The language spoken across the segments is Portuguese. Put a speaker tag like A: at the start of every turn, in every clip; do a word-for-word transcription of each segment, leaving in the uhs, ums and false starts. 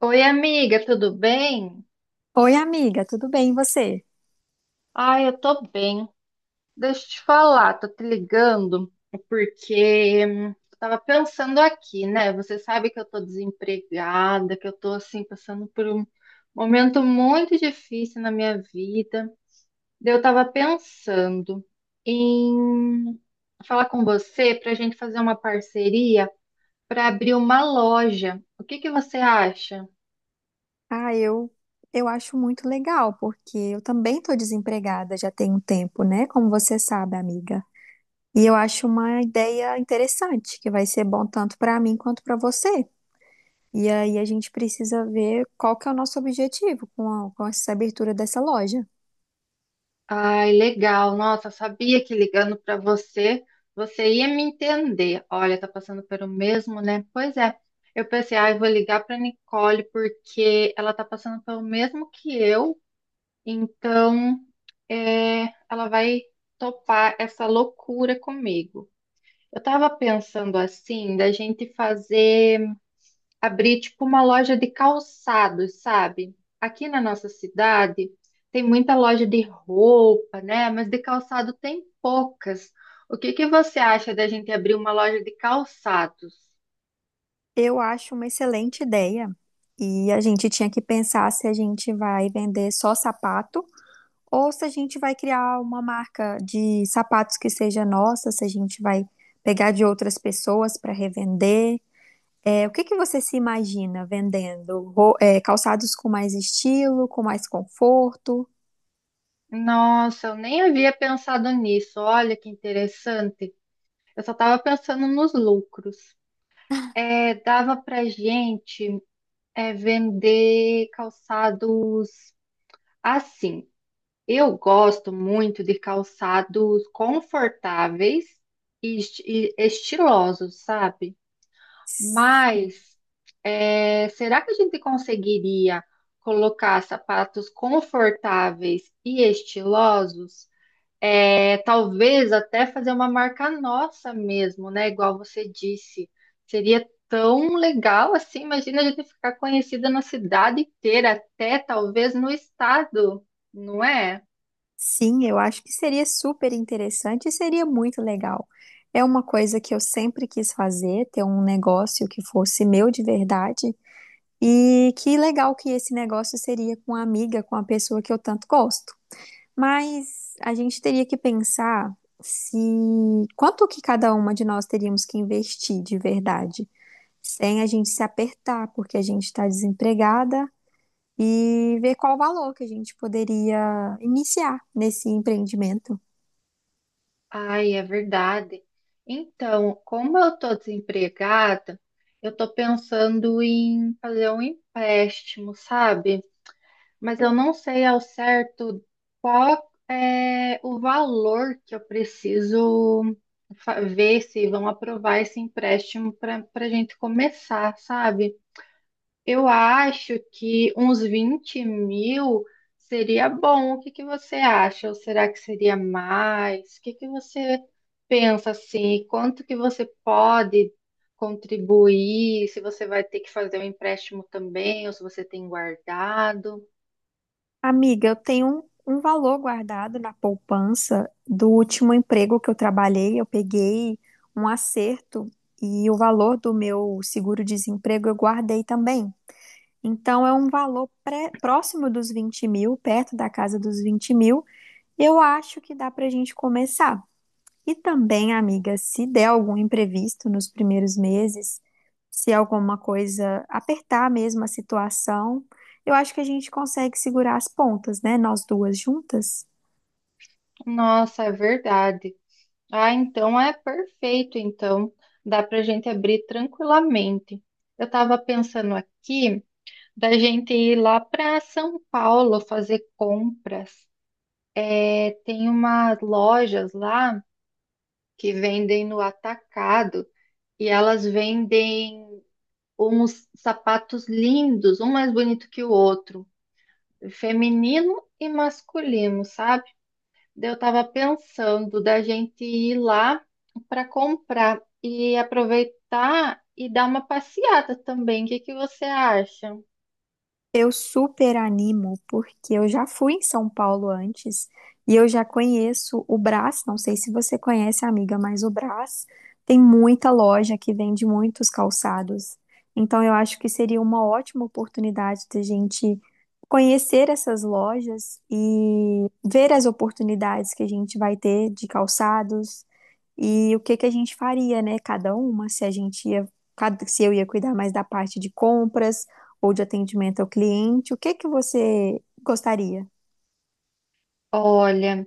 A: Oi, amiga, tudo bem?
B: Oi, amiga, tudo bem, e você?
A: Ai, eu tô bem. Deixa eu te falar, tô te ligando porque hum, eu tava pensando aqui, né? Você sabe que eu tô desempregada, que eu tô assim passando por um momento muito difícil na minha vida. Daí eu tava pensando em falar com você pra gente fazer uma parceria pra abrir uma loja. O que que você acha?
B: Ah, eu, eu acho muito legal, porque eu também estou desempregada já tem um tempo, né? Como você sabe, amiga. E eu acho uma ideia interessante, que vai ser bom tanto para mim quanto para você. E aí a gente precisa ver qual que é o nosso objetivo com, a- com essa abertura dessa loja.
A: Ai, legal. Nossa, sabia que ligando para você, você ia me entender. Olha, tá passando pelo mesmo, né? Pois é. Eu pensei, ai, vou ligar para Nicole porque ela tá passando pelo mesmo que eu. Então, é, ela vai topar essa loucura comigo. Eu tava pensando assim, da gente fazer abrir tipo uma loja de calçados, sabe? Aqui na nossa cidade tem muita loja de roupa, né? Mas de calçado tem poucas. O que que você acha da gente abrir uma loja de calçados?
B: Eu acho uma excelente ideia. E a gente tinha que pensar se a gente vai vender só sapato. Ou se a gente vai criar uma marca de sapatos que seja nossa, se a gente vai pegar de outras pessoas para revender. É, o que que você se imagina vendendo? Ro- é, calçados com mais estilo, com mais conforto?
A: Nossa, eu nem havia pensado nisso. Olha que interessante. Eu só estava pensando nos lucros. É, dava pra gente é, vender calçados assim. Eu gosto muito de calçados confortáveis e esti- e estilosos, sabe? Mas é, será que a gente conseguiria colocar sapatos confortáveis e estilosos? É, talvez até fazer uma marca nossa mesmo, né? Igual você disse. Seria tão legal assim. Imagina a gente ficar conhecida na cidade inteira, até talvez no estado, não é?
B: Sim, eu acho que seria super interessante e seria muito legal. É uma coisa que eu sempre quis fazer, ter um negócio que fosse meu de verdade. E que legal que esse negócio seria com a amiga, com a pessoa que eu tanto gosto. Mas a gente teria que pensar se quanto que cada uma de nós teríamos que investir de verdade, sem a gente se apertar, porque a gente está desempregada, e ver qual o valor que a gente poderia iniciar nesse empreendimento.
A: Ai, é verdade. Então, como eu tô desempregada, eu tô pensando em fazer um empréstimo, sabe? Mas eu não sei ao certo qual é o valor que eu preciso fa- ver se vão aprovar esse empréstimo para para a gente começar, sabe? Eu acho que uns vinte mil seria bom. O que que você acha? Ou será que seria mais? O que que você pensa assim? Quanto que você pode contribuir? Se você vai ter que fazer um empréstimo também, ou se você tem guardado?
B: Amiga, eu tenho um, um valor guardado na poupança do último emprego que eu trabalhei, eu peguei um acerto e o valor do meu seguro-desemprego eu guardei também. Então, é um valor pré- próximo dos vinte mil, perto da casa dos vinte mil. Eu acho que dá para a gente começar. E também, amiga, se der algum imprevisto nos primeiros meses, se alguma coisa apertar mesmo a situação, eu acho que a gente consegue segurar as pontas, né? Nós duas juntas.
A: Nossa, é verdade. Ah, então é perfeito. Então dá para gente abrir tranquilamente. Eu estava pensando aqui. Da gente ir lá para São Paulo fazer compras. É, tem umas lojas lá que vendem no atacado e elas vendem uns sapatos lindos, um mais bonito que o outro, feminino e masculino, sabe? Daí eu tava pensando da gente ir lá para comprar e aproveitar e dar uma passeada também. O que que você acha?
B: Eu super animo, porque eu já fui em São Paulo antes e eu já conheço o Brás. Não sei se você conhece, amiga, mas o Brás tem muita loja que vende muitos calçados. Então, eu acho que seria uma ótima oportunidade de a gente conhecer essas lojas e ver as oportunidades que a gente vai ter de calçados e o que que a gente faria, né? Cada uma, se a gente ia, cada- se eu ia cuidar mais da parte de compras ou de atendimento ao cliente, o que que você gostaria?
A: Olha.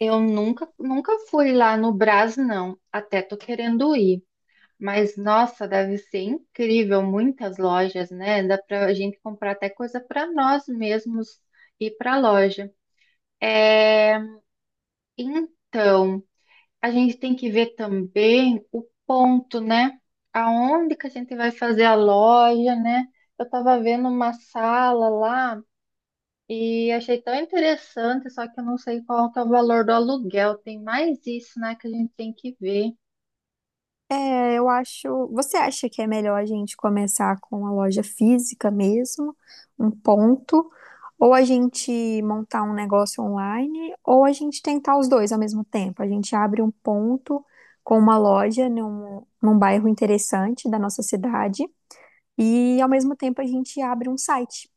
A: Eu nunca, nunca fui lá no Brás, não. Até tô querendo ir. Mas, nossa, deve ser incrível. Muitas lojas, né? Dá pra gente comprar até coisa para nós mesmos ir pra loja. É, então, a gente tem que ver também o ponto, né? Aonde que a gente vai fazer a loja, né? Eu tava vendo uma sala lá e achei tão interessante, só que eu não sei qual que é o valor do aluguel. Tem mais isso, né, que a gente tem que ver.
B: É, eu acho. Você acha que é melhor a gente começar com a loja física mesmo, um ponto, ou a gente montar um negócio online, ou a gente tentar os dois ao mesmo tempo? A gente abre um ponto com uma loja num, num bairro interessante da nossa cidade, e ao mesmo tempo a gente abre um site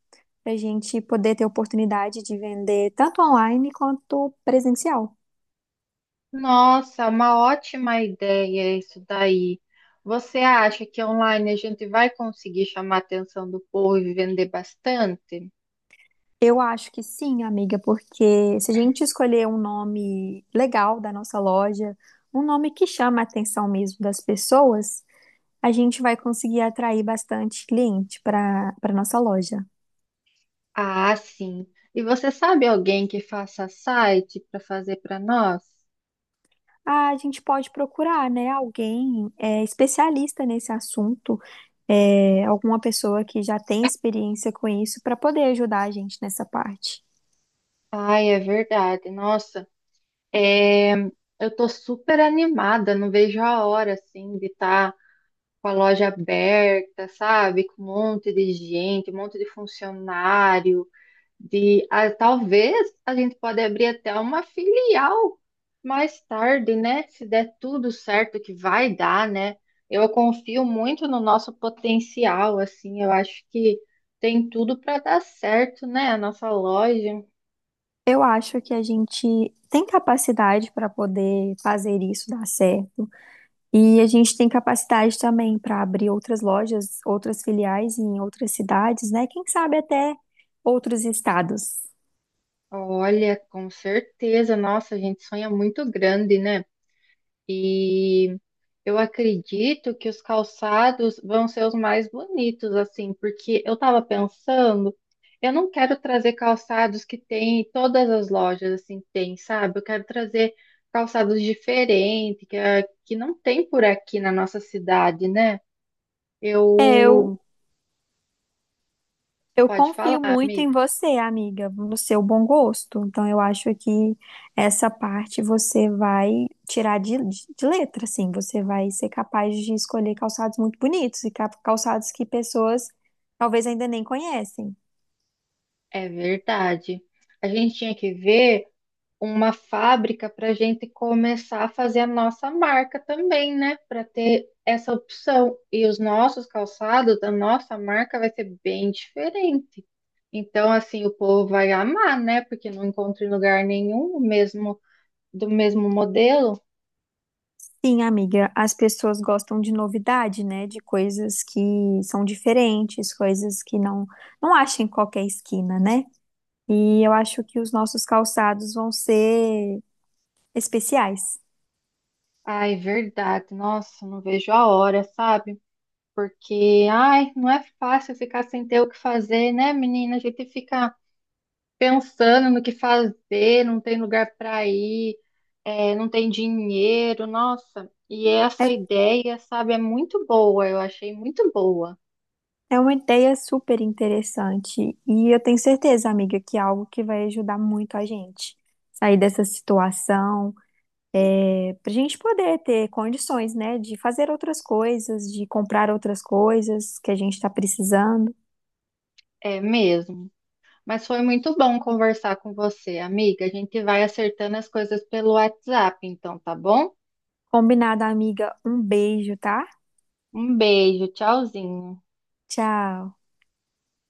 B: para a gente poder ter oportunidade de vender tanto online quanto presencial.
A: Nossa, uma ótima ideia isso daí. Você acha que online a gente vai conseguir chamar a atenção do povo e vender bastante?
B: Eu acho que sim, amiga, porque se a gente escolher um nome legal da nossa loja, um nome que chama a atenção mesmo das pessoas, a gente vai conseguir atrair bastante cliente para para nossa loja.
A: Ah, sim. E você sabe alguém que faça site para fazer para nós?
B: Ah, a gente pode procurar, né, alguém é, especialista nesse assunto, é, alguma pessoa que já tem experiência com isso para poder ajudar a gente nessa parte.
A: Ai, é verdade. Nossa, é, eu tô super animada, não vejo a hora assim de estar com a loja aberta, sabe? Com um monte de gente, um monte de funcionário, de ah, talvez a gente pode abrir até uma filial mais tarde, né? Se der tudo certo que vai dar, né? Eu confio muito no nosso potencial, assim, eu acho que tem tudo para dar certo, né? A nossa loja.
B: Eu acho que a gente tem capacidade para poder fazer isso dar certo. E a gente tem capacidade também para abrir outras lojas, outras filiais em outras cidades, né? Quem sabe até outros estados.
A: Olha, com certeza, nossa, a gente sonha muito grande, né? E eu acredito que os calçados vão ser os mais bonitos, assim, porque eu tava pensando, eu não quero trazer calçados que tem em todas as lojas, assim, tem, sabe? Eu quero trazer calçados diferentes, que, é- que não tem por aqui na nossa cidade, né?
B: É, eu,
A: Eu.
B: eu
A: Pode falar,
B: confio muito em
A: amiga.
B: você, amiga, no seu bom gosto. Então, eu acho que essa parte você vai tirar de, de, de letra, assim. Você vai ser capaz de escolher calçados muito bonitos e ca- calçados que pessoas talvez ainda nem conhecem.
A: É verdade. A gente tinha que ver. Uma fábrica para a gente começar a fazer a nossa marca também, né? Para ter essa opção. E os nossos calçados, da nossa marca, vai ser bem diferente. Então, assim, o povo vai amar, né? Porque não encontra em lugar nenhum o mesmo do mesmo modelo.
B: Sim, amiga, as pessoas gostam de novidade, né? De coisas que são diferentes, coisas que não não acham em qualquer esquina, né? E eu acho que os nossos calçados vão ser especiais.
A: Ai, verdade. Nossa, não vejo a hora, sabe? Porque, ai, não é fácil ficar sem ter o que fazer, né, menina? A gente fica pensando no que fazer, não tem lugar para ir, é, não tem dinheiro, nossa. E essa
B: É,
A: ideia, sabe, é muito boa, eu achei muito boa,
B: é uma ideia super interessante e eu tenho certeza, amiga, que é algo que vai ajudar muito a gente sair dessa situação, para a gente poder ter condições, né? De fazer outras coisas, de comprar outras coisas que a gente está precisando.
A: é mesmo. Mas foi muito bom conversar com você, amiga. A gente vai acertando as coisas pelo WhatsApp, então, tá bom?
B: Combinado, amiga. Um beijo, tá?
A: Um beijo, tchauzinho.
B: Tchau.